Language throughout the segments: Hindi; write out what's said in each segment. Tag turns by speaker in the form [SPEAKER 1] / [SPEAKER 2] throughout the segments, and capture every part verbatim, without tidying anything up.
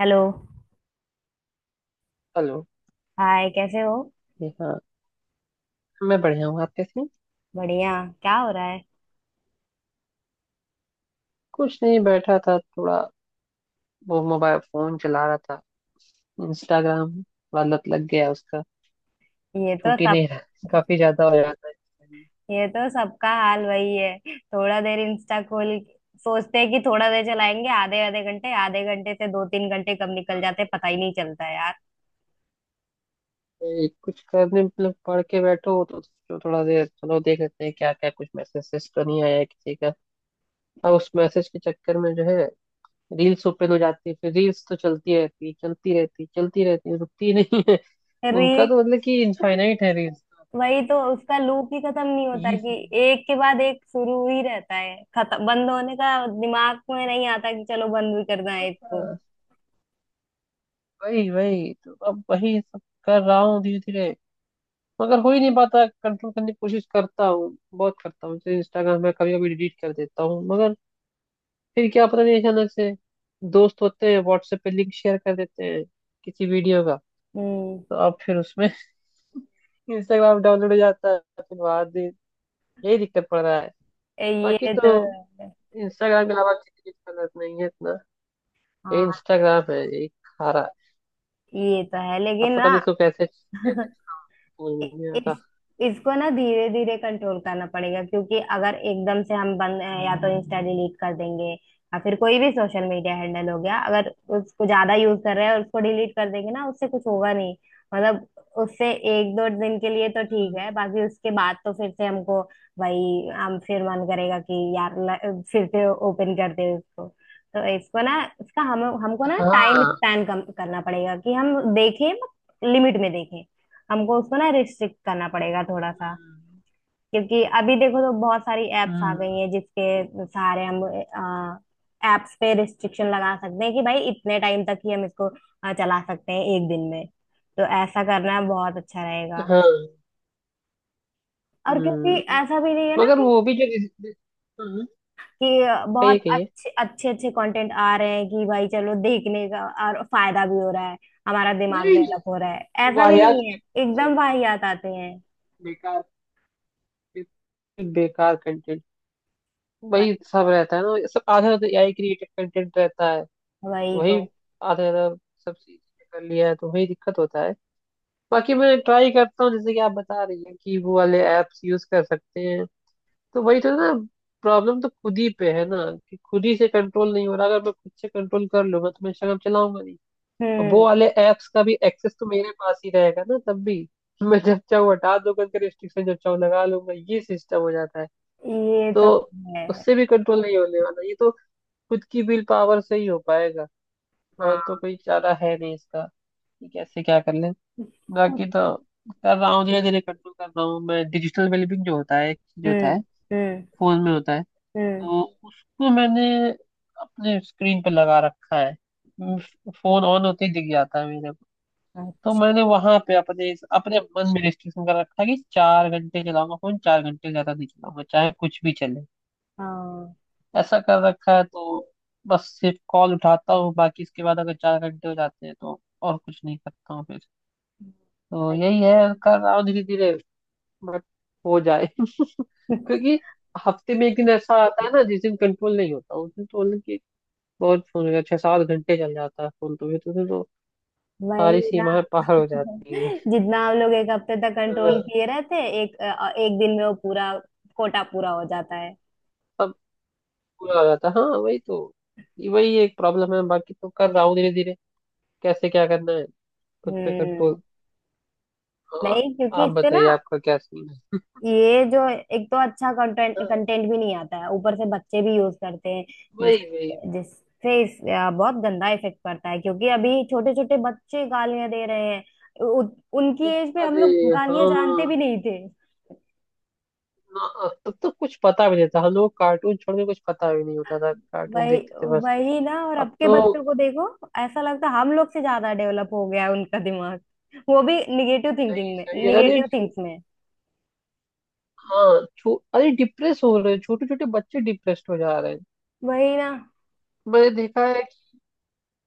[SPEAKER 1] हेलो।
[SPEAKER 2] हेलो।
[SPEAKER 1] हाय कैसे हो।
[SPEAKER 2] जी हाँ। मैं बढ़िया हूँ, आप कैसे हैं?
[SPEAKER 1] बढ़िया। क्या हो रहा है।
[SPEAKER 2] कुछ नहीं, बैठा था थोड़ा। वो मोबाइल फोन चला रहा था। इंस्टाग्राम वाला लत लग गया उसका।
[SPEAKER 1] ये तो
[SPEAKER 2] छूट ही
[SPEAKER 1] सब।
[SPEAKER 2] नहीं रहा। काफी ज्यादा हो जाता है।
[SPEAKER 1] ये तो सबका हाल वही है। थोड़ा देर इंस्टा खोल सोचते हैं कि थोड़ा देर चलाएंगे, आधे आधे घंटे, आधे घंटे से दो तीन घंटे कब निकल जाते हैं, पता ही नहीं चलता है यार।
[SPEAKER 2] ये कुछ करने मतलब, पढ़ के बैठो तो तो थोड़ा देर चलो देख लेते हैं क्या क्या, कुछ मैसेज तो नहीं आया है किसी का। और उस मैसेज के चक्कर में जो है, रील्स ओपन हो जाती है। फिर रील्स तो चलती रहती है, चलती रहती है, चलती रहती है, रुकती नहीं है।
[SPEAKER 1] अरे
[SPEAKER 2] उनका तो मतलब कि इनफाइनाइट है रील्स।
[SPEAKER 1] वही तो, उसका लूप ही खत्म नहीं होता
[SPEAKER 2] ये
[SPEAKER 1] कि एक के बाद एक शुरू ही रहता है। खत्म, बंद होने का दिमाग में नहीं आता कि चलो बंद भी करना है इसको।
[SPEAKER 2] वही वही तो अब वही सब कर रहा हूँ धीरे धीरे। मगर हो ही नहीं पाता, कंट्रोल करने की कोशिश करता हूँ, बहुत करता हूँ। जैसे इंस्टाग्राम में कभी कभी डिलीट कर देता हूँ, मगर फिर क्या पता नहीं, अचानक से दोस्त होते हैं, व्हाट्सएप पे लिंक शेयर कर देते हैं किसी वीडियो का।
[SPEAKER 1] हम्म,
[SPEAKER 2] तो अब फिर उसमें इंस्टाग्राम डाउनलोड हो जाता है फिर बाद में। यही दिक्कत पड़ रहा है। बाकी
[SPEAKER 1] ये तो
[SPEAKER 2] तो
[SPEAKER 1] है।
[SPEAKER 2] इंस्टाग्राम के अलावा किसी चीज की जरूरत नहीं है इतना। ये
[SPEAKER 1] हाँ,
[SPEAKER 2] इंस्टाग्राम है, यही खा रहा है।
[SPEAKER 1] ये तो है
[SPEAKER 2] अब
[SPEAKER 1] लेकिन ना।
[SPEAKER 2] पता नहीं इसको कैसे कैसे समझ
[SPEAKER 1] इ-
[SPEAKER 2] में नहीं आता।
[SPEAKER 1] इस इसको ना धीरे धीरे कंट्रोल करना पड़ेगा, क्योंकि अगर एकदम से हम बंद, या तो इंस्टा डिलीट कर देंगे या फिर कोई भी सोशल मीडिया हैंडल हो गया, अगर उसको ज्यादा यूज कर रहे हैं और उसको डिलीट कर देंगे ना, उससे कुछ होगा नहीं। मतलब उससे एक दो दिन के लिए तो ठीक
[SPEAKER 2] हम्म।
[SPEAKER 1] है, बाकी उसके बाद तो फिर से हमको वही, हम फिर मन करेगा कि यार ल- फिर से ओपन कर दे उसको। तो इसको ना, इसका हम, हमको ना टाइम
[SPEAKER 2] हाँ।
[SPEAKER 1] स्पैन कम करना पड़ेगा कि हम देखें, लिमिट में देखें। हमको उसको ना रिस्ट्रिक्ट करना पड़ेगा थोड़ा सा,
[SPEAKER 2] हम्म।
[SPEAKER 1] क्योंकि अभी देखो तो बहुत सारी एप्स आ
[SPEAKER 2] हम्म।
[SPEAKER 1] गई हैं जिसके सहारे हम एप्स पे रिस्ट्रिक्शन लगा सकते हैं कि भाई इतने टाइम तक ही हम इसको अ, चला सकते हैं एक दिन में। तो ऐसा करना बहुत अच्छा रहेगा।
[SPEAKER 2] हाँ।
[SPEAKER 1] और क्योंकि
[SPEAKER 2] हम्म।
[SPEAKER 1] ऐसा भी नहीं है ना
[SPEAKER 2] मगर
[SPEAKER 1] कि
[SPEAKER 2] वो भी जो जिस- हम्म।
[SPEAKER 1] कि बहुत
[SPEAKER 2] कहिए कहिए।
[SPEAKER 1] अच्छे अच्छे अच्छे कंटेंट आ रहे हैं कि भाई चलो देखने का और फायदा भी हो रहा है, हमारा दिमाग
[SPEAKER 2] नहीं
[SPEAKER 1] डेवलप हो
[SPEAKER 2] नहीं।
[SPEAKER 1] रहा है। ऐसा भी
[SPEAKER 2] वाहियात
[SPEAKER 1] नहीं है,
[SPEAKER 2] कंटेंट
[SPEAKER 1] एकदम
[SPEAKER 2] सब।
[SPEAKER 1] वाहियात आते हैं।
[SPEAKER 2] बेकार। बेकार कंटेंट।
[SPEAKER 1] भाई
[SPEAKER 2] वही सब रहता है ना, सब आधा तो एआई क्रिएटेड कंटेंट रहता है।
[SPEAKER 1] वही तो।
[SPEAKER 2] वही आधा आधा सब चीज कर लिया है तो वही दिक्कत होता है। बाकी मैं ट्राई करता हूँ, जैसे कि आप बता रही हैं कि वो वाले एप्स यूज कर सकते हैं। तो वही तो ना, प्रॉब्लम तो खुद ही पे है ना। कि खुद ही से कंट्रोल नहीं हो रहा। अगर मैं खुद से कंट्रोल कर लूंगा तो मैं इंस्टाग्राम चलाऊंगा नहीं। और वो
[SPEAKER 1] हम्म।
[SPEAKER 2] वाले एप्स का भी एक्सेस तो मेरे पास ही रहेगा ना तब भी। मैं जब चाहूँ हटा दूंगा उनका रिस्ट्रिक्शन, जब चाहूँ लगा लूंगा, ये सिस्टम हो जाता है।
[SPEAKER 1] ये
[SPEAKER 2] तो
[SPEAKER 1] तो है।
[SPEAKER 2] उससे भी कंट्रोल नहीं होने वाला ये तो। खुद की विल पावर से ही हो पाएगा। और तो
[SPEAKER 1] हाँ।
[SPEAKER 2] कोई चारा है नहीं इसका, कि कैसे क्या कर ले।
[SPEAKER 1] कुछ।
[SPEAKER 2] बाकी तो कर रहा हूँ धीरे धीरे कंट्रोल कर रहा हूँ। मैं डिजिटल वेलबींग जो होता है एक चीज होता
[SPEAKER 1] हम्म।
[SPEAKER 2] है,
[SPEAKER 1] हम्म।
[SPEAKER 2] फोन में होता है।
[SPEAKER 1] हम्म।
[SPEAKER 2] तो उसको मैंने अपने स्क्रीन पे लगा रखा है। फोन ऑन होते ही दिख जाता है मेरे को। तो
[SPEAKER 1] अच्छा।
[SPEAKER 2] मैंने वहां पे अपने अपने मन में रिस्ट्रिक्शन कर रखा है कि चार घंटे चलाऊंगा फोन, चार घंटे से ज्यादा नहीं चलाऊंगा, चाहे कुछ भी चले।
[SPEAKER 1] हाँ।
[SPEAKER 2] ऐसा कर रखा है। तो बस सिर्फ कॉल उठाता हूँ, बाकी इसके बाद अगर चार घंटे हो जाते हैं तो और कुछ नहीं करता हूँ फिर। तो
[SPEAKER 1] बढ़िया।
[SPEAKER 2] यही है। कर रहा हूँ धीरे धीरे, बट हो जाए
[SPEAKER 1] है।
[SPEAKER 2] क्योंकि हफ्ते में एक दिन ऐसा आता है ना जिस दिन कंट्रोल नहीं होता, उस दिन तो बहुत फोन हो गया, छह सात घंटे चल जाता है फोन, तो भी तो, फिर तो सारी
[SPEAKER 1] वही ना।
[SPEAKER 2] सीमाएं पार हो जाती है।
[SPEAKER 1] जितना हम लोग एक हफ्ते तक कंट्रोल
[SPEAKER 2] हाँ,
[SPEAKER 1] किए रहते हैं, एक अ, एक दिन में वो पूरा कोटा पूरा हो जाता है।
[SPEAKER 2] सब पूरा हो जाता है। हाँ वही तो। ये- वही एक प्रॉब्लम है, बाकी तो कर रहा हूँ धीरे धीरे। कैसे क्या करना है, खुद पे
[SPEAKER 1] हम्म।
[SPEAKER 2] कंट्रोल। और
[SPEAKER 1] नहीं, क्योंकि
[SPEAKER 2] आप
[SPEAKER 1] इससे ना,
[SPEAKER 2] बताइए आपका क्या सीन है।
[SPEAKER 1] ये जो, एक तो अच्छा कंटेंट,
[SPEAKER 2] हाँ,
[SPEAKER 1] कंटेंट भी नहीं आता है, ऊपर से बच्चे भी यूज करते हैं। जिस
[SPEAKER 2] वही वही।
[SPEAKER 1] जिससे इस, अ, बहुत गंदा इफेक्ट पड़ता है, क्योंकि अभी छोटे छोटे बच्चे गालियां दे रहे हैं। उ, उनकी एज पे हम
[SPEAKER 2] अरे।
[SPEAKER 1] लोग गालियां
[SPEAKER 2] हाँ।
[SPEAKER 1] जानते भी नहीं थे।
[SPEAKER 2] ना, तब तो कुछ पता भी नहीं था, हम लोग कार्टून छोड़ के कुछ पता भी नहीं होता था, कार्टून
[SPEAKER 1] वही,
[SPEAKER 2] देखते थे बस।
[SPEAKER 1] वही ना। और अब
[SPEAKER 2] अब
[SPEAKER 1] के
[SPEAKER 2] तो
[SPEAKER 1] बच्चों को देखो, ऐसा लगता है हम लोग से ज्यादा डेवलप हो गया है उनका दिमाग, वो भी निगेटिव
[SPEAKER 2] सही
[SPEAKER 1] थिंकिंग में,
[SPEAKER 2] सही है। अरे
[SPEAKER 1] निगेटिव
[SPEAKER 2] छो-
[SPEAKER 1] थिंक्स में।
[SPEAKER 2] हाँ छो, अरे डिप्रेस हो रहे हैं छोटे छोटे बच्चे, डिप्रेस्ड हो जा रहे हैं।
[SPEAKER 1] वही ना।
[SPEAKER 2] मैंने देखा है कि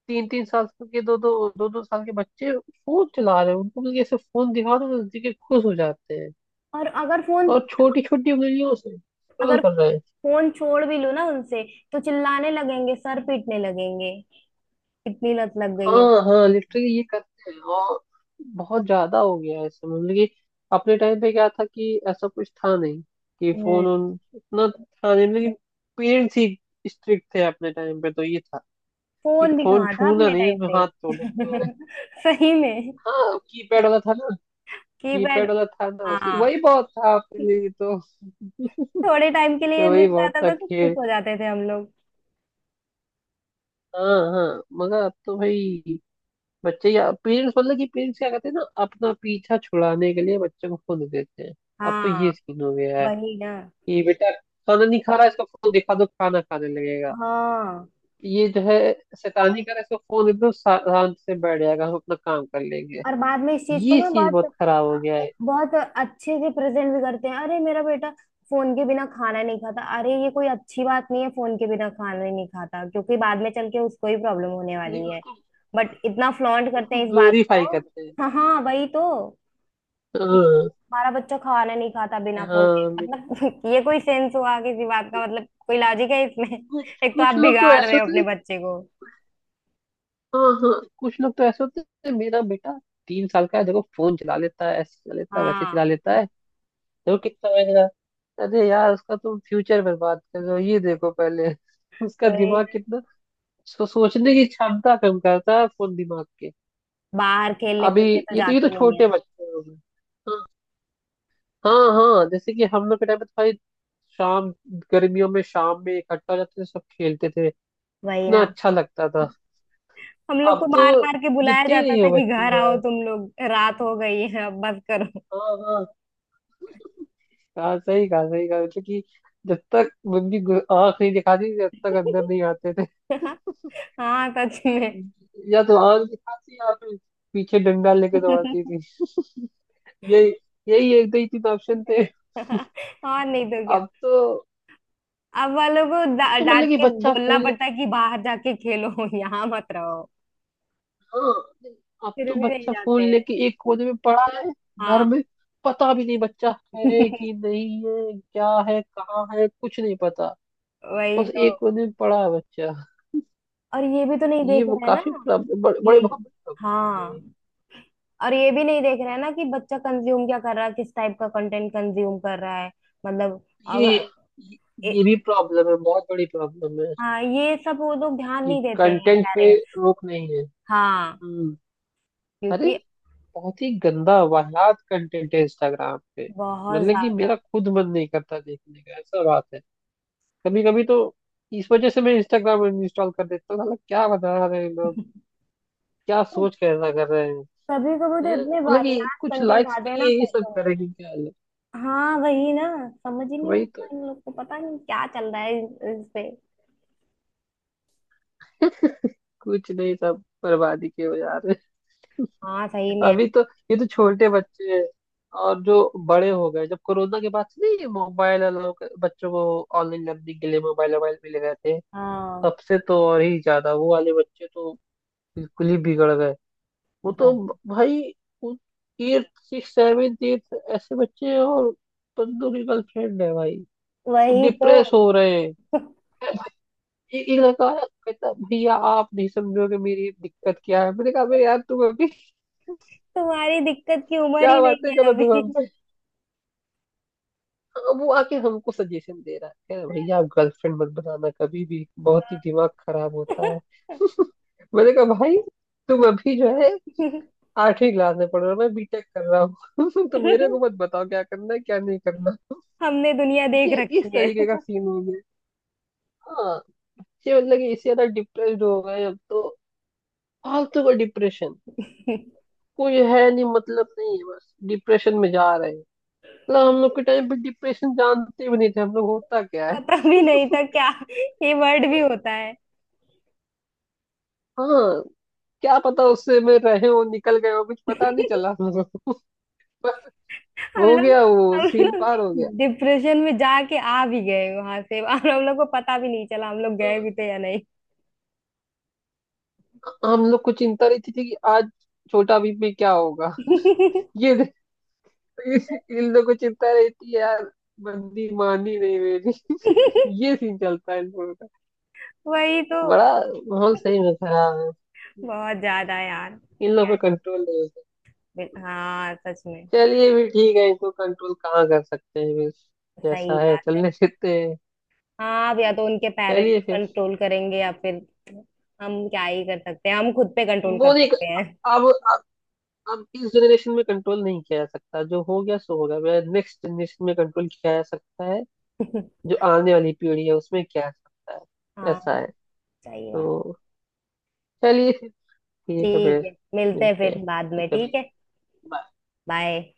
[SPEAKER 2] तीन तीन साल के, दो दो दो दो साल के बच्चे फोन चला रहे हैं, उनको बल्कि ऐसे फोन दिखा दो तो देखे खुश हो जाते हैं।
[SPEAKER 1] और अगर फोन
[SPEAKER 2] और छोटी छोटी उंगलियों से स्क्रॉल
[SPEAKER 1] अगर
[SPEAKER 2] कर रहे हैं।
[SPEAKER 1] फोन छोड़ भी लूँ ना उनसे, तो चिल्लाने लगेंगे, सर पीटने लगेंगे। कितनी लत लग गई है।
[SPEAKER 2] हाँ हाँ, लिटरली ये करते हैं। और बहुत ज्यादा हो गया है ऐसे, मतलब कि अपने टाइम पे क्या था, कि ऐसा कुछ था नहीं, कि फोन
[SPEAKER 1] हम्म।
[SPEAKER 2] उन इतना था नहीं, लेकिन पेरेंट्स ही स्ट्रिक्ट थे अपने टाइम पे, तो ये था कि
[SPEAKER 1] फोन भी
[SPEAKER 2] फोन
[SPEAKER 1] कहाँ था
[SPEAKER 2] छूना
[SPEAKER 1] अपने
[SPEAKER 2] नहीं,
[SPEAKER 1] टाइम
[SPEAKER 2] नहीं तो हाथ
[SPEAKER 1] पे।
[SPEAKER 2] तोड़ देंगे।
[SPEAKER 1] सही में।
[SPEAKER 2] हाँ, कीपैड वाला था ना।
[SPEAKER 1] कीपैड।
[SPEAKER 2] कीपैड वाला था ना, उसी,
[SPEAKER 1] हाँ,
[SPEAKER 2] वही बहुत था आपके लिए तो।
[SPEAKER 1] थोड़े टाइम के लिए मिल
[SPEAKER 2] वही बहुत
[SPEAKER 1] जाता
[SPEAKER 2] था
[SPEAKER 1] था तो खुश
[SPEAKER 2] कि।
[SPEAKER 1] हो जाते थे हम लोग।
[SPEAKER 2] हाँ हाँ, मगर अब तो भाई, बच्चे या पेरेंट्स, मतलब कि पेरेंट्स क्या करते हैं ना, अपना पीछा छुड़ाने के लिए बच्चे को फोन दे देते हैं। अब तो ये
[SPEAKER 1] हाँ,
[SPEAKER 2] सीन हो गया है
[SPEAKER 1] वही ना।
[SPEAKER 2] कि बेटा खाना नहीं खा रहा, इसको फोन दिखा दो, खाना खाने लगेगा।
[SPEAKER 1] हाँ,
[SPEAKER 2] ये जो है शैतानी कर रहा है, इसको फोन दे दो, शा- आराम से बैठ जाएगा, हम अपना काम कर लेंगे।
[SPEAKER 1] और बाद में इस चीज को
[SPEAKER 2] ये
[SPEAKER 1] ना
[SPEAKER 2] चीज बहुत
[SPEAKER 1] बहुत
[SPEAKER 2] खराब हो गया है।
[SPEAKER 1] बहुत अच्छे से प्रेजेंट भी करते हैं, अरे मेरा बेटा फोन के बिना खाना नहीं खाता। अरे ये कोई अच्छी बात नहीं है, फोन के बिना खाना ही नहीं खाता, क्योंकि बाद में चल के उसको ही प्रॉब्लम होने
[SPEAKER 2] नहीं,
[SPEAKER 1] वाली है।
[SPEAKER 2] उसको
[SPEAKER 1] बट इतना फ्लॉन्ट करते
[SPEAKER 2] उसको
[SPEAKER 1] हैं इस बात
[SPEAKER 2] ग्लोरीफाई
[SPEAKER 1] को।
[SPEAKER 2] करते हैं।
[SPEAKER 1] हाँ हाँ वही तो, कि
[SPEAKER 2] हाँ,
[SPEAKER 1] हमारा बच्चा खाना नहीं खाता
[SPEAKER 2] कि
[SPEAKER 1] बिना फोन के,
[SPEAKER 2] हाँ मेरे,
[SPEAKER 1] मतलब ये कोई सेंस हुआ किसी बात का, मतलब कोई लॉजिक है इसमें।
[SPEAKER 2] कुछ
[SPEAKER 1] एक तो आप
[SPEAKER 2] कुछ लोग तो
[SPEAKER 1] बिगाड़
[SPEAKER 2] ऐसे
[SPEAKER 1] रहे हो
[SPEAKER 2] होते
[SPEAKER 1] अपने
[SPEAKER 2] हैं।
[SPEAKER 1] बच्चे को।
[SPEAKER 2] हाँ हाँ, कुछ लोग तो ऐसे होते हैं। मेरा बेटा तीन साल का है, देखो फोन चला लेता है, ऐसे चला लेता है, वैसे चला
[SPEAKER 1] हाँ।
[SPEAKER 2] लेता है। देखो कितना महंगा। अरे यार, उसका तुम फ्यूचर बर्बाद कर रहे हो, ये देखो पहले उसका
[SPEAKER 1] वही,
[SPEAKER 2] दिमाग कितना, उसको सोचने की क्षमता कम करता है फोन, दिमाग के।
[SPEAKER 1] बाहर खेलने
[SPEAKER 2] अभी
[SPEAKER 1] कूदने तो
[SPEAKER 2] ये तो ये तो
[SPEAKER 1] जाते नहीं है।
[SPEAKER 2] छोटे बच्चे हो गए। हाँ हाँ, हाँ, जैसे कि हम लोग के टाइम पे तो भाई, शाम, गर्मियों में शाम में इकट्ठा हो जाते थे सब, खेलते थे।
[SPEAKER 1] वही
[SPEAKER 2] कितना
[SPEAKER 1] ना,
[SPEAKER 2] अच्छा लगता था।
[SPEAKER 1] हम लोग को
[SPEAKER 2] अब तो
[SPEAKER 1] मार मार के बुलाया
[SPEAKER 2] दिखते ही
[SPEAKER 1] जाता
[SPEAKER 2] नहीं
[SPEAKER 1] था
[SPEAKER 2] हो
[SPEAKER 1] कि
[SPEAKER 2] बच्चे
[SPEAKER 1] घर आओ
[SPEAKER 2] यार।
[SPEAKER 1] तुम लोग, रात हो गई है अब बस करो।
[SPEAKER 2] हाँ हाँ, हाँ सही कहा सही कहा, मतलब कि जब तक मम्मी गु- आँख नहीं दिखाती, जब तक अंदर नहीं आते थे।
[SPEAKER 1] हाँ सच में।
[SPEAKER 2] या तो आँख दिखाती, या फिर पीछे डंडा लेके दौड़ती थी। यही, यही एक दो ही तीन ऑप्शन थे।
[SPEAKER 1] और नहीं तो क्या।
[SPEAKER 2] अब तो
[SPEAKER 1] अब वालों को
[SPEAKER 2] अब
[SPEAKER 1] डा-
[SPEAKER 2] तो
[SPEAKER 1] डांट
[SPEAKER 2] मतलब कि
[SPEAKER 1] के
[SPEAKER 2] बच्चा
[SPEAKER 1] बोलना
[SPEAKER 2] फोन
[SPEAKER 1] पड़ता है
[SPEAKER 2] लेके।
[SPEAKER 1] कि बाहर जाके खेलो, यहाँ मत रहो।
[SPEAKER 2] हाँ। अब
[SPEAKER 1] फिर
[SPEAKER 2] तो
[SPEAKER 1] भी नहीं
[SPEAKER 2] बच्चा
[SPEAKER 1] जाते
[SPEAKER 2] फोन
[SPEAKER 1] हैं।
[SPEAKER 2] लेके एक कोने में पड़ा है घर
[SPEAKER 1] हाँ।
[SPEAKER 2] में। पता भी नहीं बच्चा है कि नहीं है, क्या है, कहाँ है, कुछ नहीं पता।
[SPEAKER 1] वही
[SPEAKER 2] बस
[SPEAKER 1] तो।
[SPEAKER 2] एक दो दिन पढ़ा है बच्चा।
[SPEAKER 1] और ये भी तो नहीं
[SPEAKER 2] ये
[SPEAKER 1] देख
[SPEAKER 2] वो
[SPEAKER 1] रहे हैं ना,
[SPEAKER 2] काफी प्रॉब्लम, बड़े बड़े,
[SPEAKER 1] कि
[SPEAKER 2] बहुत बड़ी प्रॉब्लम है।
[SPEAKER 1] हाँ, और ये भी नहीं देख रहे हैं ना कि बच्चा कंज्यूम क्या कर रहा है, किस टाइप का कंटेंट कंज्यूम कर रहा है। मतलब
[SPEAKER 2] ये
[SPEAKER 1] अगर
[SPEAKER 2] ये ये ये
[SPEAKER 1] ए,
[SPEAKER 2] भी प्रॉब्लम है, बहुत बड़ी प्रॉब्लम है।
[SPEAKER 1] हाँ, ये सब वो लोग ध्यान
[SPEAKER 2] कि
[SPEAKER 1] नहीं देते हैं
[SPEAKER 2] कंटेंट पे
[SPEAKER 1] पेरेंट्स।
[SPEAKER 2] रोक नहीं है।
[SPEAKER 1] हाँ
[SPEAKER 2] हम्म। अरे,
[SPEAKER 1] क्योंकि
[SPEAKER 2] बहुत ही गंदा वाहियात कंटेंट है इंस्टाग्राम पे।
[SPEAKER 1] बहुत
[SPEAKER 2] मतलब कि
[SPEAKER 1] ज्यादा।
[SPEAKER 2] मेरा खुद मन नहीं करता देखने का, ऐसा बात है। कभी कभी तो इस वजह से मैं इंस्टाग्राम इंस्टॉल कर देता हूँ, साला क्या बता रहे हैं लोग, क्या सोच कर ऐसा कर रहे हैं।
[SPEAKER 1] कभी कभी तो
[SPEAKER 2] हैं?
[SPEAKER 1] इतने
[SPEAKER 2] मतलब कि
[SPEAKER 1] वाहियात
[SPEAKER 2] कुछ
[SPEAKER 1] कंटेंट
[SPEAKER 2] लाइक्स के
[SPEAKER 1] आते हैं ना,
[SPEAKER 2] लिए ये सब
[SPEAKER 1] पूछो मत।
[SPEAKER 2] करेंगे क्या लोग?
[SPEAKER 1] हाँ वही ना, समझ ही नहीं
[SPEAKER 2] वही
[SPEAKER 1] आता
[SPEAKER 2] तो,
[SPEAKER 1] इन लोग को, पता नहीं क्या चल रहा है इस इस पे।
[SPEAKER 2] कुछ नहीं, सब बर्बादी के हो जा रहे।
[SPEAKER 1] हाँ सही में।
[SPEAKER 2] अभी तो ये तो छोटे बच्चे हैं, और जो बड़े हो गए, जब कोरोना के बाद से, नहीं, मोबाइल अलाउ कर- बच्चों को ऑनलाइन लर्निंग के लिए मोबाइल मोबाइल मिले गए थे
[SPEAKER 1] हाँ
[SPEAKER 2] सबसे, तो और ही ज्यादा वो वाले बच्चे तो बिल्कुल ही बिगड़ गए। वो तो
[SPEAKER 1] बहुत।
[SPEAKER 2] भाई एट सिक्स सेवन एट, ऐसे बच्चे हैं, और बंदों की गर्लफ्रेंड है भाई,
[SPEAKER 1] वही तो।
[SPEAKER 2] डिप्रेस हो रहे हैं। ए- एक लड़का आया, कहता, भैया आप नहीं समझोगे मेरी दिक्कत क्या है। मैंने कहा, "अबे यार तुम अभी
[SPEAKER 1] तुम्हारी दिक्कत की उम्र ही
[SPEAKER 2] क्या बातें
[SPEAKER 1] नहीं
[SPEAKER 2] कर
[SPEAKER 1] है
[SPEAKER 2] रहे हो तुम
[SPEAKER 1] अभी।
[SPEAKER 2] हमसे"। अब वो आके हमको सजेशन दे रहा है, कह रहा है, भैया आप गर्लफ्रेंड मत बनाना कभी भी, बहुत ही दिमाग खराब होता है। मैंने कहा, भाई तुम अभी जो है आठवीं क्लास में पढ़ रहे हो, मैं बीटेक कर रहा हूँ तो मेरे को मत बताओ क्या करना है क्या नहीं करना
[SPEAKER 1] हमने दुनिया देख
[SPEAKER 2] ये इस
[SPEAKER 1] रखी है।
[SPEAKER 2] तरीके का सीन हो गया। हाँ, बच्चे मतलब कि इससे ज्यादा डिप्रेस्ड हो गए अब तो। फालतू का डिप्रेशन, कोई है नहीं मतलब, नहीं है, बस डिप्रेशन में जा रहे हैं। मतलब हम लोग के टाइम पे डिप्रेशन जानते भी नहीं थे हम लोग, होता क्या है।
[SPEAKER 1] पता भी नहीं था क्या ये वर्ड भी होता है।
[SPEAKER 2] हाँ, क्या पता, उससे में रहे हो निकल गए हो, कुछ पता नहीं चला हम लोगों को। बस
[SPEAKER 1] हम
[SPEAKER 2] हो
[SPEAKER 1] लोग
[SPEAKER 2] गया, वो
[SPEAKER 1] हम
[SPEAKER 2] सीन
[SPEAKER 1] लोग
[SPEAKER 2] पार हो गया।
[SPEAKER 1] डिप्रेशन में जाके आ भी गए वहां से और हम लोग को पता भी नहीं चला हम लोग गए
[SPEAKER 2] अ-
[SPEAKER 1] भी थे या नहीं।
[SPEAKER 2] हम लोग को चिंता रहती थी कि आज छोटा बीपी क्या होगा। ये इन लोग को चिंता रहती है यार, बंदी मानी नहीं मेरी। ये सीन चलता है इन लोगों का
[SPEAKER 1] वही तो।
[SPEAKER 2] बड़ा। माहौल सही में खराब है।
[SPEAKER 1] बहुत ज्यादा यार।
[SPEAKER 2] इन लोगों पे कंट्रोल नहीं।
[SPEAKER 1] हाँ सच में।
[SPEAKER 2] चलिए, भी ठीक है, इसको कंट्रोल कहाँ कर सकते हैं, बस
[SPEAKER 1] सही
[SPEAKER 2] जैसा है
[SPEAKER 1] बात है।
[SPEAKER 2] चलने देते हैं।
[SPEAKER 1] हाँ, अब या तो उनके पेरेंट्स
[SPEAKER 2] चलिए फिर।
[SPEAKER 1] कंट्रोल करेंगे या फिर हम क्या ही कर सकते हैं, हम खुद पे कंट्रोल कर
[SPEAKER 2] वो नहीं,
[SPEAKER 1] सकते हैं।
[SPEAKER 2] अब अब अब इस जनरेशन में कंट्रोल नहीं किया जा सकता, जो हो गया सो हो गया, नेक्स्ट जनरेशन में कंट्रोल किया जा सकता है। जो आने वाली पीढ़ी है उसमें किया जा सकता है,
[SPEAKER 1] हाँ
[SPEAKER 2] ऐसा है।
[SPEAKER 1] सही बात।
[SPEAKER 2] तो चलिए फिर, ठीक है
[SPEAKER 1] ठीक
[SPEAKER 2] फिर,
[SPEAKER 1] है, मिलते हैं
[SPEAKER 2] मिलते
[SPEAKER 1] फिर
[SPEAKER 2] हैं
[SPEAKER 1] बाद
[SPEAKER 2] फिर
[SPEAKER 1] में, ठीक
[SPEAKER 2] कभी।
[SPEAKER 1] है।
[SPEAKER 2] Bye.
[SPEAKER 1] बाय।